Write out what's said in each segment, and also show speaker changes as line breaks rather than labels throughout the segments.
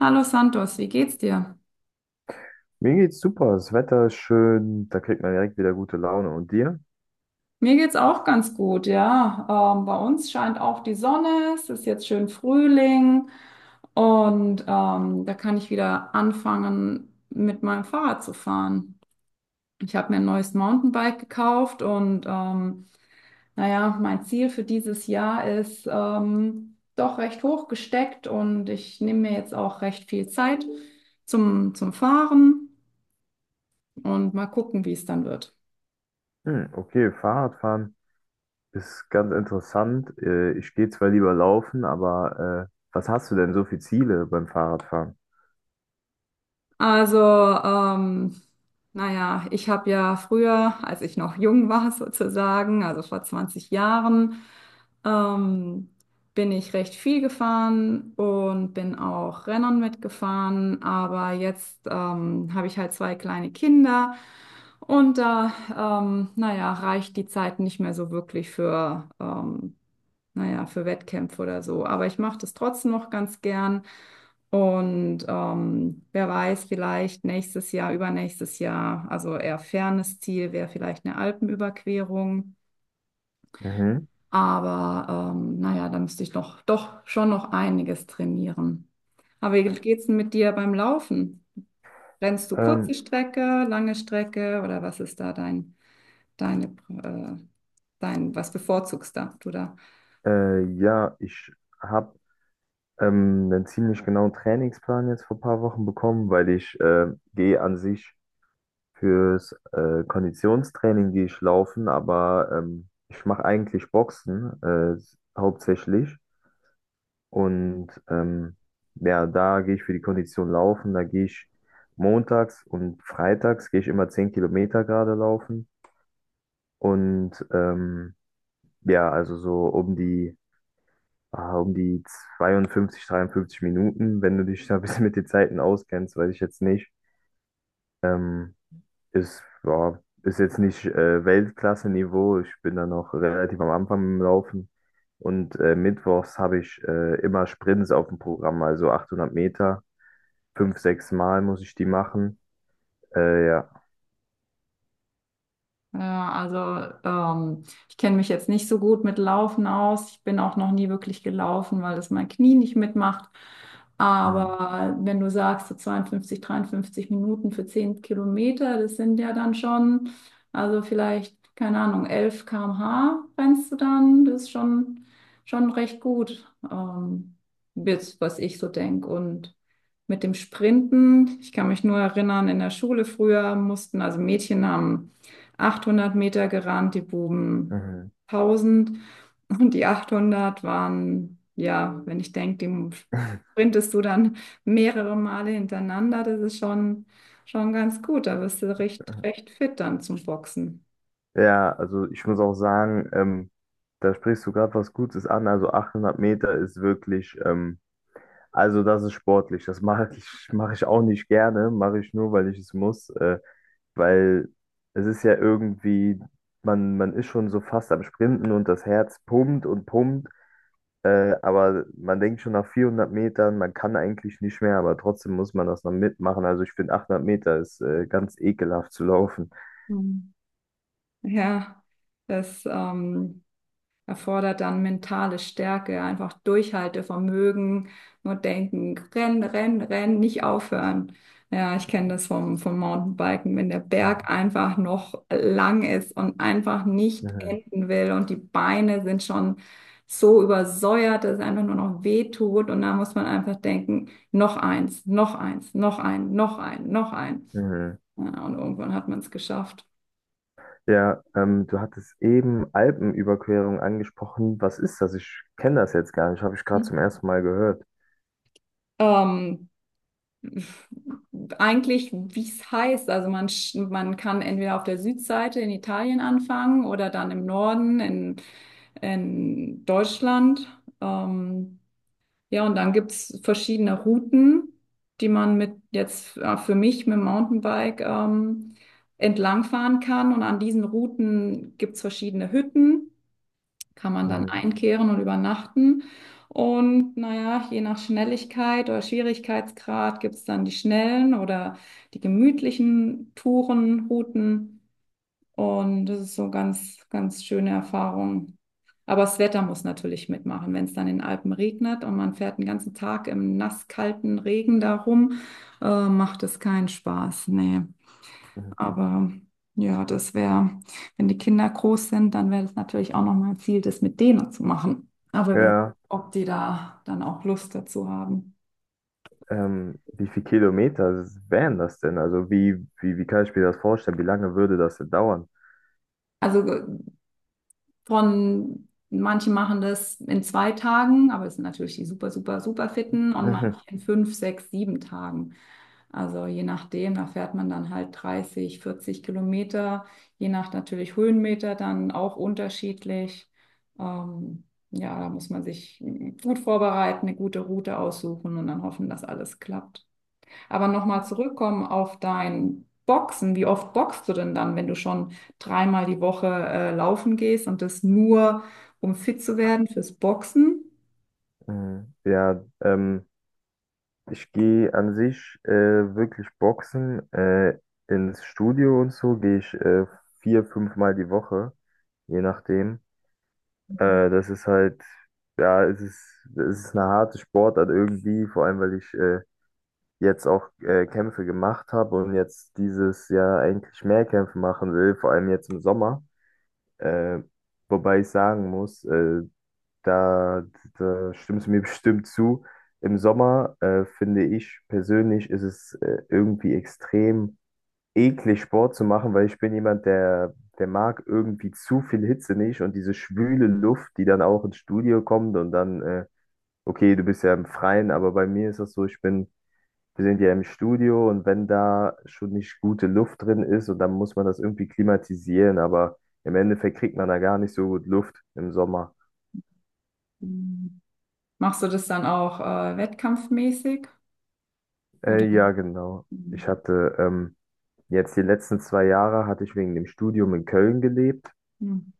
Hallo Santos, wie geht's dir?
Mir geht's super, das Wetter ist schön, da kriegt man direkt wieder gute Laune. Und dir?
Mir geht's auch ganz gut, ja. Bei uns scheint auch die Sonne, es ist jetzt schön Frühling und da kann ich wieder anfangen, mit meinem Fahrrad zu fahren. Ich habe mir ein neues Mountainbike gekauft und naja, mein Ziel für dieses Jahr ist doch recht hoch gesteckt und ich nehme mir jetzt auch recht viel Zeit zum Fahren und mal gucken, wie es dann wird.
Hm, okay, Fahrradfahren ist ganz interessant. Ich gehe zwar lieber laufen, aber was hast du denn so für Ziele beim Fahrradfahren?
Also, ähm, naja, ich habe ja früher, als ich noch jung war sozusagen, also vor 20 Jahren, ähm, bin ich recht viel gefahren und bin auch Rennern mitgefahren. Aber jetzt habe ich halt zwei kleine Kinder und da, naja, reicht die Zeit nicht mehr so wirklich für, naja, für Wettkämpfe oder so. Aber ich mache das trotzdem noch ganz gern. Und wer weiß, vielleicht nächstes Jahr, übernächstes Jahr, also eher fernes Ziel wäre vielleicht eine Alpenüberquerung.
Mhm.
Aber naja, da müsste ich noch, doch schon noch einiges trainieren. Aber wie geht's denn mit dir beim Laufen? Rennst du kurze
Ähm,
Strecke, lange Strecke oder was ist da deine, äh, was bevorzugst da, du da?
ja, ich habe einen ziemlich genauen Trainingsplan jetzt vor ein paar Wochen bekommen, weil ich gehe an sich fürs Konditionstraining gehe ich laufen, aber ich mache eigentlich Boxen hauptsächlich. Und ja, da gehe ich für die Kondition laufen. Da gehe ich montags und freitags gehe ich immer 10 Kilometer gerade laufen. Und ja, also so um die 52, 53 Minuten, wenn du dich da ein bisschen mit den Zeiten auskennst, weiß ich jetzt nicht. Ähm, ist, ja, ist jetzt nicht Weltklasse-Niveau. Ich bin da noch relativ am Anfang im Laufen. Und mittwochs habe ich immer Sprints auf dem Programm, also 800 Meter. Fünf, sechs Mal muss ich die machen. Ja.
Ja, also ich kenne mich jetzt nicht so gut mit Laufen aus. Ich bin auch noch nie wirklich gelaufen, weil das mein Knie nicht mitmacht.
Hm.
Aber wenn du sagst, so 52, 53 Minuten für 10 Kilometer, das sind ja dann schon, also vielleicht, keine Ahnung, 11 km/h rennst du dann, das ist schon, schon recht gut, jetzt, was ich so denke. Und mit dem Sprinten, ich kann mich nur erinnern, in der Schule früher mussten, also Mädchen haben 800 Meter gerannt, die Buben
Mhm.
1000 und die 800 waren, ja, wenn ich denke, die sprintest du dann mehrere Male hintereinander, das ist schon, schon ganz gut, da bist du recht, recht fit dann zum Boxen.
Ja, also ich muss auch sagen, da sprichst du gerade was Gutes an. Also 800 Meter ist wirklich, also das ist sportlich. Das mache ich auch nicht gerne, mache ich nur, weil ich es muss. Weil es ist ja irgendwie, man ist schon so fast am Sprinten und das Herz pumpt und pumpt. Aber man denkt schon nach 400 Metern, man kann eigentlich nicht mehr, aber trotzdem muss man das noch mitmachen. Also ich finde 800 Meter ist ganz ekelhaft zu laufen.
Mhm. Ja, das erfordert dann mentale Stärke, ja, einfach Durchhaltevermögen, nur denken, rennen, rennen, rennen, nicht aufhören. Ja, ich kenne das vom Mountainbiken, wenn der
Mhm.
Berg einfach noch lang ist und einfach nicht
Mhm.
enden will und die Beine sind schon so übersäuert, dass es einfach nur noch weh tut und da muss man einfach denken, noch eins, noch eins, noch ein, noch ein, noch ein.
Mhm.
Ja, und irgendwann hat man es geschafft.
Ja, du hattest eben Alpenüberquerung angesprochen. Was ist das? Ich kenne das jetzt gar nicht. Habe ich gerade
Hm.
zum ersten Mal gehört.
Ähm, Eigentlich, wie es heißt. Also man kann entweder auf der Südseite in Italien anfangen oder dann im Norden in Deutschland. Ähm, ja, und dann gibt's verschiedene Routen, die man mit jetzt für mich mit dem Mountainbike entlangfahren kann. Und an diesen Routen gibt's verschiedene Hütten kann man dann
Mhm.
einkehren und übernachten. Und naja, je nach Schnelligkeit oder Schwierigkeitsgrad gibt es dann die schnellen oder die gemütlichen Touren, Routen. Und das ist so ganz, ganz schöne Erfahrung. Aber das Wetter muss natürlich mitmachen. Wenn es dann in den Alpen regnet und man fährt den ganzen Tag im nasskalten Regen da rum, macht es keinen Spaß. Nee.
Mhm.
Aber ja, das wäre, wenn die Kinder groß sind, dann wäre das natürlich auch nochmal ein Ziel, das mit denen zu machen. Aber wer weiß,
Ja,
ob die da dann auch Lust dazu haben.
wie viele Kilometer wären das denn? Also wie kann ich mir das vorstellen? Wie lange würde das denn dauern?
Also von manche machen das in zwei Tagen, aber es sind natürlich die super, super, super fitten und manche
Mhm.
in fünf, sechs, sieben Tagen. Also je nachdem, da fährt man dann halt 30, 40 Kilometer, je nach natürlich Höhenmeter dann auch unterschiedlich. Ähm, ja, da muss man sich gut vorbereiten, eine gute Route aussuchen und dann hoffen, dass alles klappt. Aber nochmal zurückkommen auf dein Boxen. Wie oft boxst du denn dann, wenn du schon dreimal die Woche laufen gehst und das nur, um fit zu werden fürs Boxen?
Mhm. Ja, ich gehe an sich wirklich boxen. Ins Studio und so gehe ich vier, fünfmal die Woche, je nachdem. Das ist halt, ja, es ist eine harte Sportart irgendwie, vor allem weil ich jetzt auch Kämpfe gemacht habe und jetzt dieses Jahr eigentlich mehr Kämpfe machen will, vor allem jetzt im Sommer. Äh, wobei ich sagen muss, da, da stimmst du mir bestimmt zu. Im Sommer, finde ich persönlich, ist es irgendwie extrem eklig, Sport zu machen, weil ich bin jemand, der mag irgendwie zu viel Hitze nicht und diese schwüle Luft, die dann auch ins Studio kommt und dann, okay, du bist ja im Freien, aber bei mir ist das so, wir sind ja im Studio und wenn da schon nicht gute Luft drin ist und dann muss man das irgendwie klimatisieren, aber im Endeffekt kriegt man da gar nicht so gut Luft im Sommer.
Mhm. Machst du das dann auch wettkampfmäßig? Oder?
Ja, genau. Ich
Mhm.
hatte jetzt die letzten 2 Jahre hatte ich wegen dem Studium in Köln gelebt.
Mhm.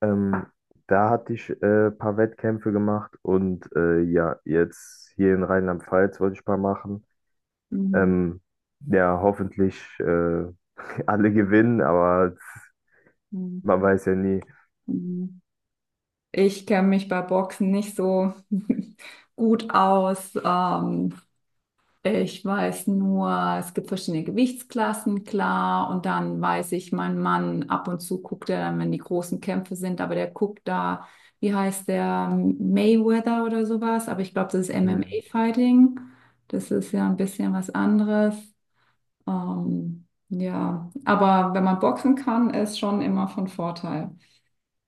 Ähm, da hatte ich ein paar Wettkämpfe gemacht und ja, jetzt hier in Rheinland-Pfalz wollte ich ein paar machen.
Mhm.
Ähm, ja, hoffentlich alle gewinnen, aber
Mhm.
man weiß ja nie.
Mhm. Ich kenne mich bei Boxen nicht so gut aus. Ich weiß nur, es gibt verschiedene Gewichtsklassen, klar. Und dann weiß ich, mein Mann, ab und zu guckt er dann, wenn die großen Kämpfe sind, aber der guckt da, wie heißt der, Mayweather oder sowas. Aber ich glaube, das ist
Hm.
MMA-Fighting. Das ist ja ein bisschen was anderes. Ja, aber wenn man boxen kann, ist schon immer von Vorteil.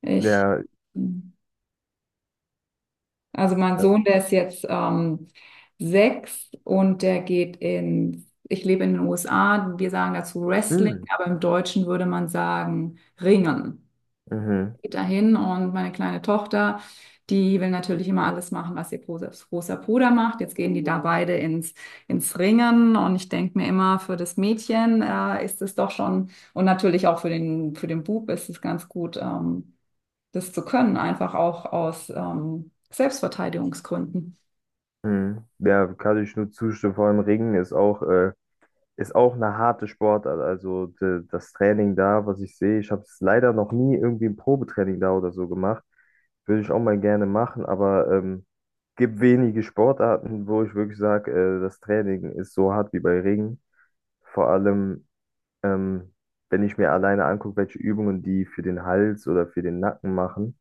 Ich.
Ja,
Hm. Also mein
äh,
Sohn, der ist jetzt sechs und der geht in, ich lebe in den USA, wir sagen dazu Wrestling,
hm,
aber im Deutschen würde man sagen Ringen.
mhm,
Geht dahin und meine kleine Tochter, die will natürlich immer alles machen, was ihr großer Bruder macht. Jetzt gehen die da beide ins Ringen und ich denke mir immer, für das Mädchen ist es doch schon, und natürlich auch für für den Bub ist es ganz gut. Das zu können, einfach auch aus Selbstverteidigungsgründen.
mhm. Ja, kann ich nur zustimmen. Vor allem Ringen ist auch ist auch eine harte Sportart. Also das Training da, was ich sehe, ich habe es leider noch nie irgendwie ein Probetraining da oder so gemacht. Würde ich auch mal gerne machen, aber gibt wenige Sportarten, wo ich wirklich sage, das Training ist so hart wie bei Ringen. Vor allem, ähm, wenn ich mir alleine angucke, welche Übungen die für den Hals oder für den Nacken machen.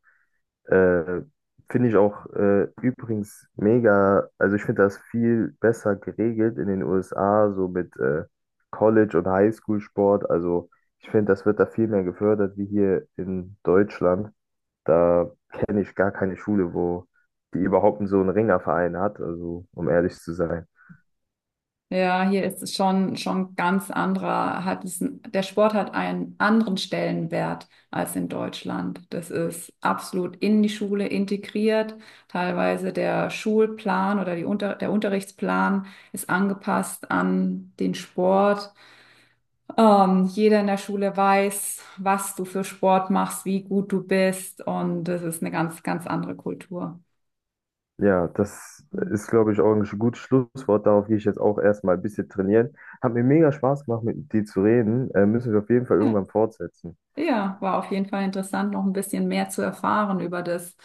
Äh, finde ich auch übrigens mega, also ich finde das viel besser geregelt in den USA, so mit College- und Highschool-Sport. Also ich finde, das wird da viel mehr gefördert wie hier in Deutschland. Da kenne ich gar keine Schule, wo die überhaupt so einen Ringerverein hat, also um ehrlich zu sein.
Ja, hier ist es schon, schon ganz anderer, hat es, der Sport hat einen anderen Stellenwert als in Deutschland. Das ist absolut in die Schule integriert. Teilweise der Schulplan oder der Unterrichtsplan ist angepasst an den Sport. Jeder in der Schule weiß, was du für Sport machst, wie gut du bist und das ist eine ganz, ganz andere Kultur.
Ja, das ist, glaube ich, auch ein gutes Schlusswort. Darauf gehe ich jetzt auch erstmal ein bisschen trainieren. Hat mir mega Spaß gemacht, mit dir zu reden. Müssen wir auf jeden Fall
Ja.
irgendwann fortsetzen.
Ja, war auf jeden Fall interessant, noch ein bisschen mehr zu erfahren über das,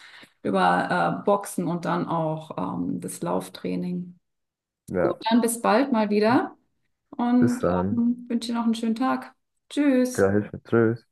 über Boxen und dann auch das Lauftraining. Gut,
Ja.
dann bis bald mal wieder
Bis
und
dann.
wünsche dir noch einen schönen Tag. Tschüss.
Gleich mit Tschüss.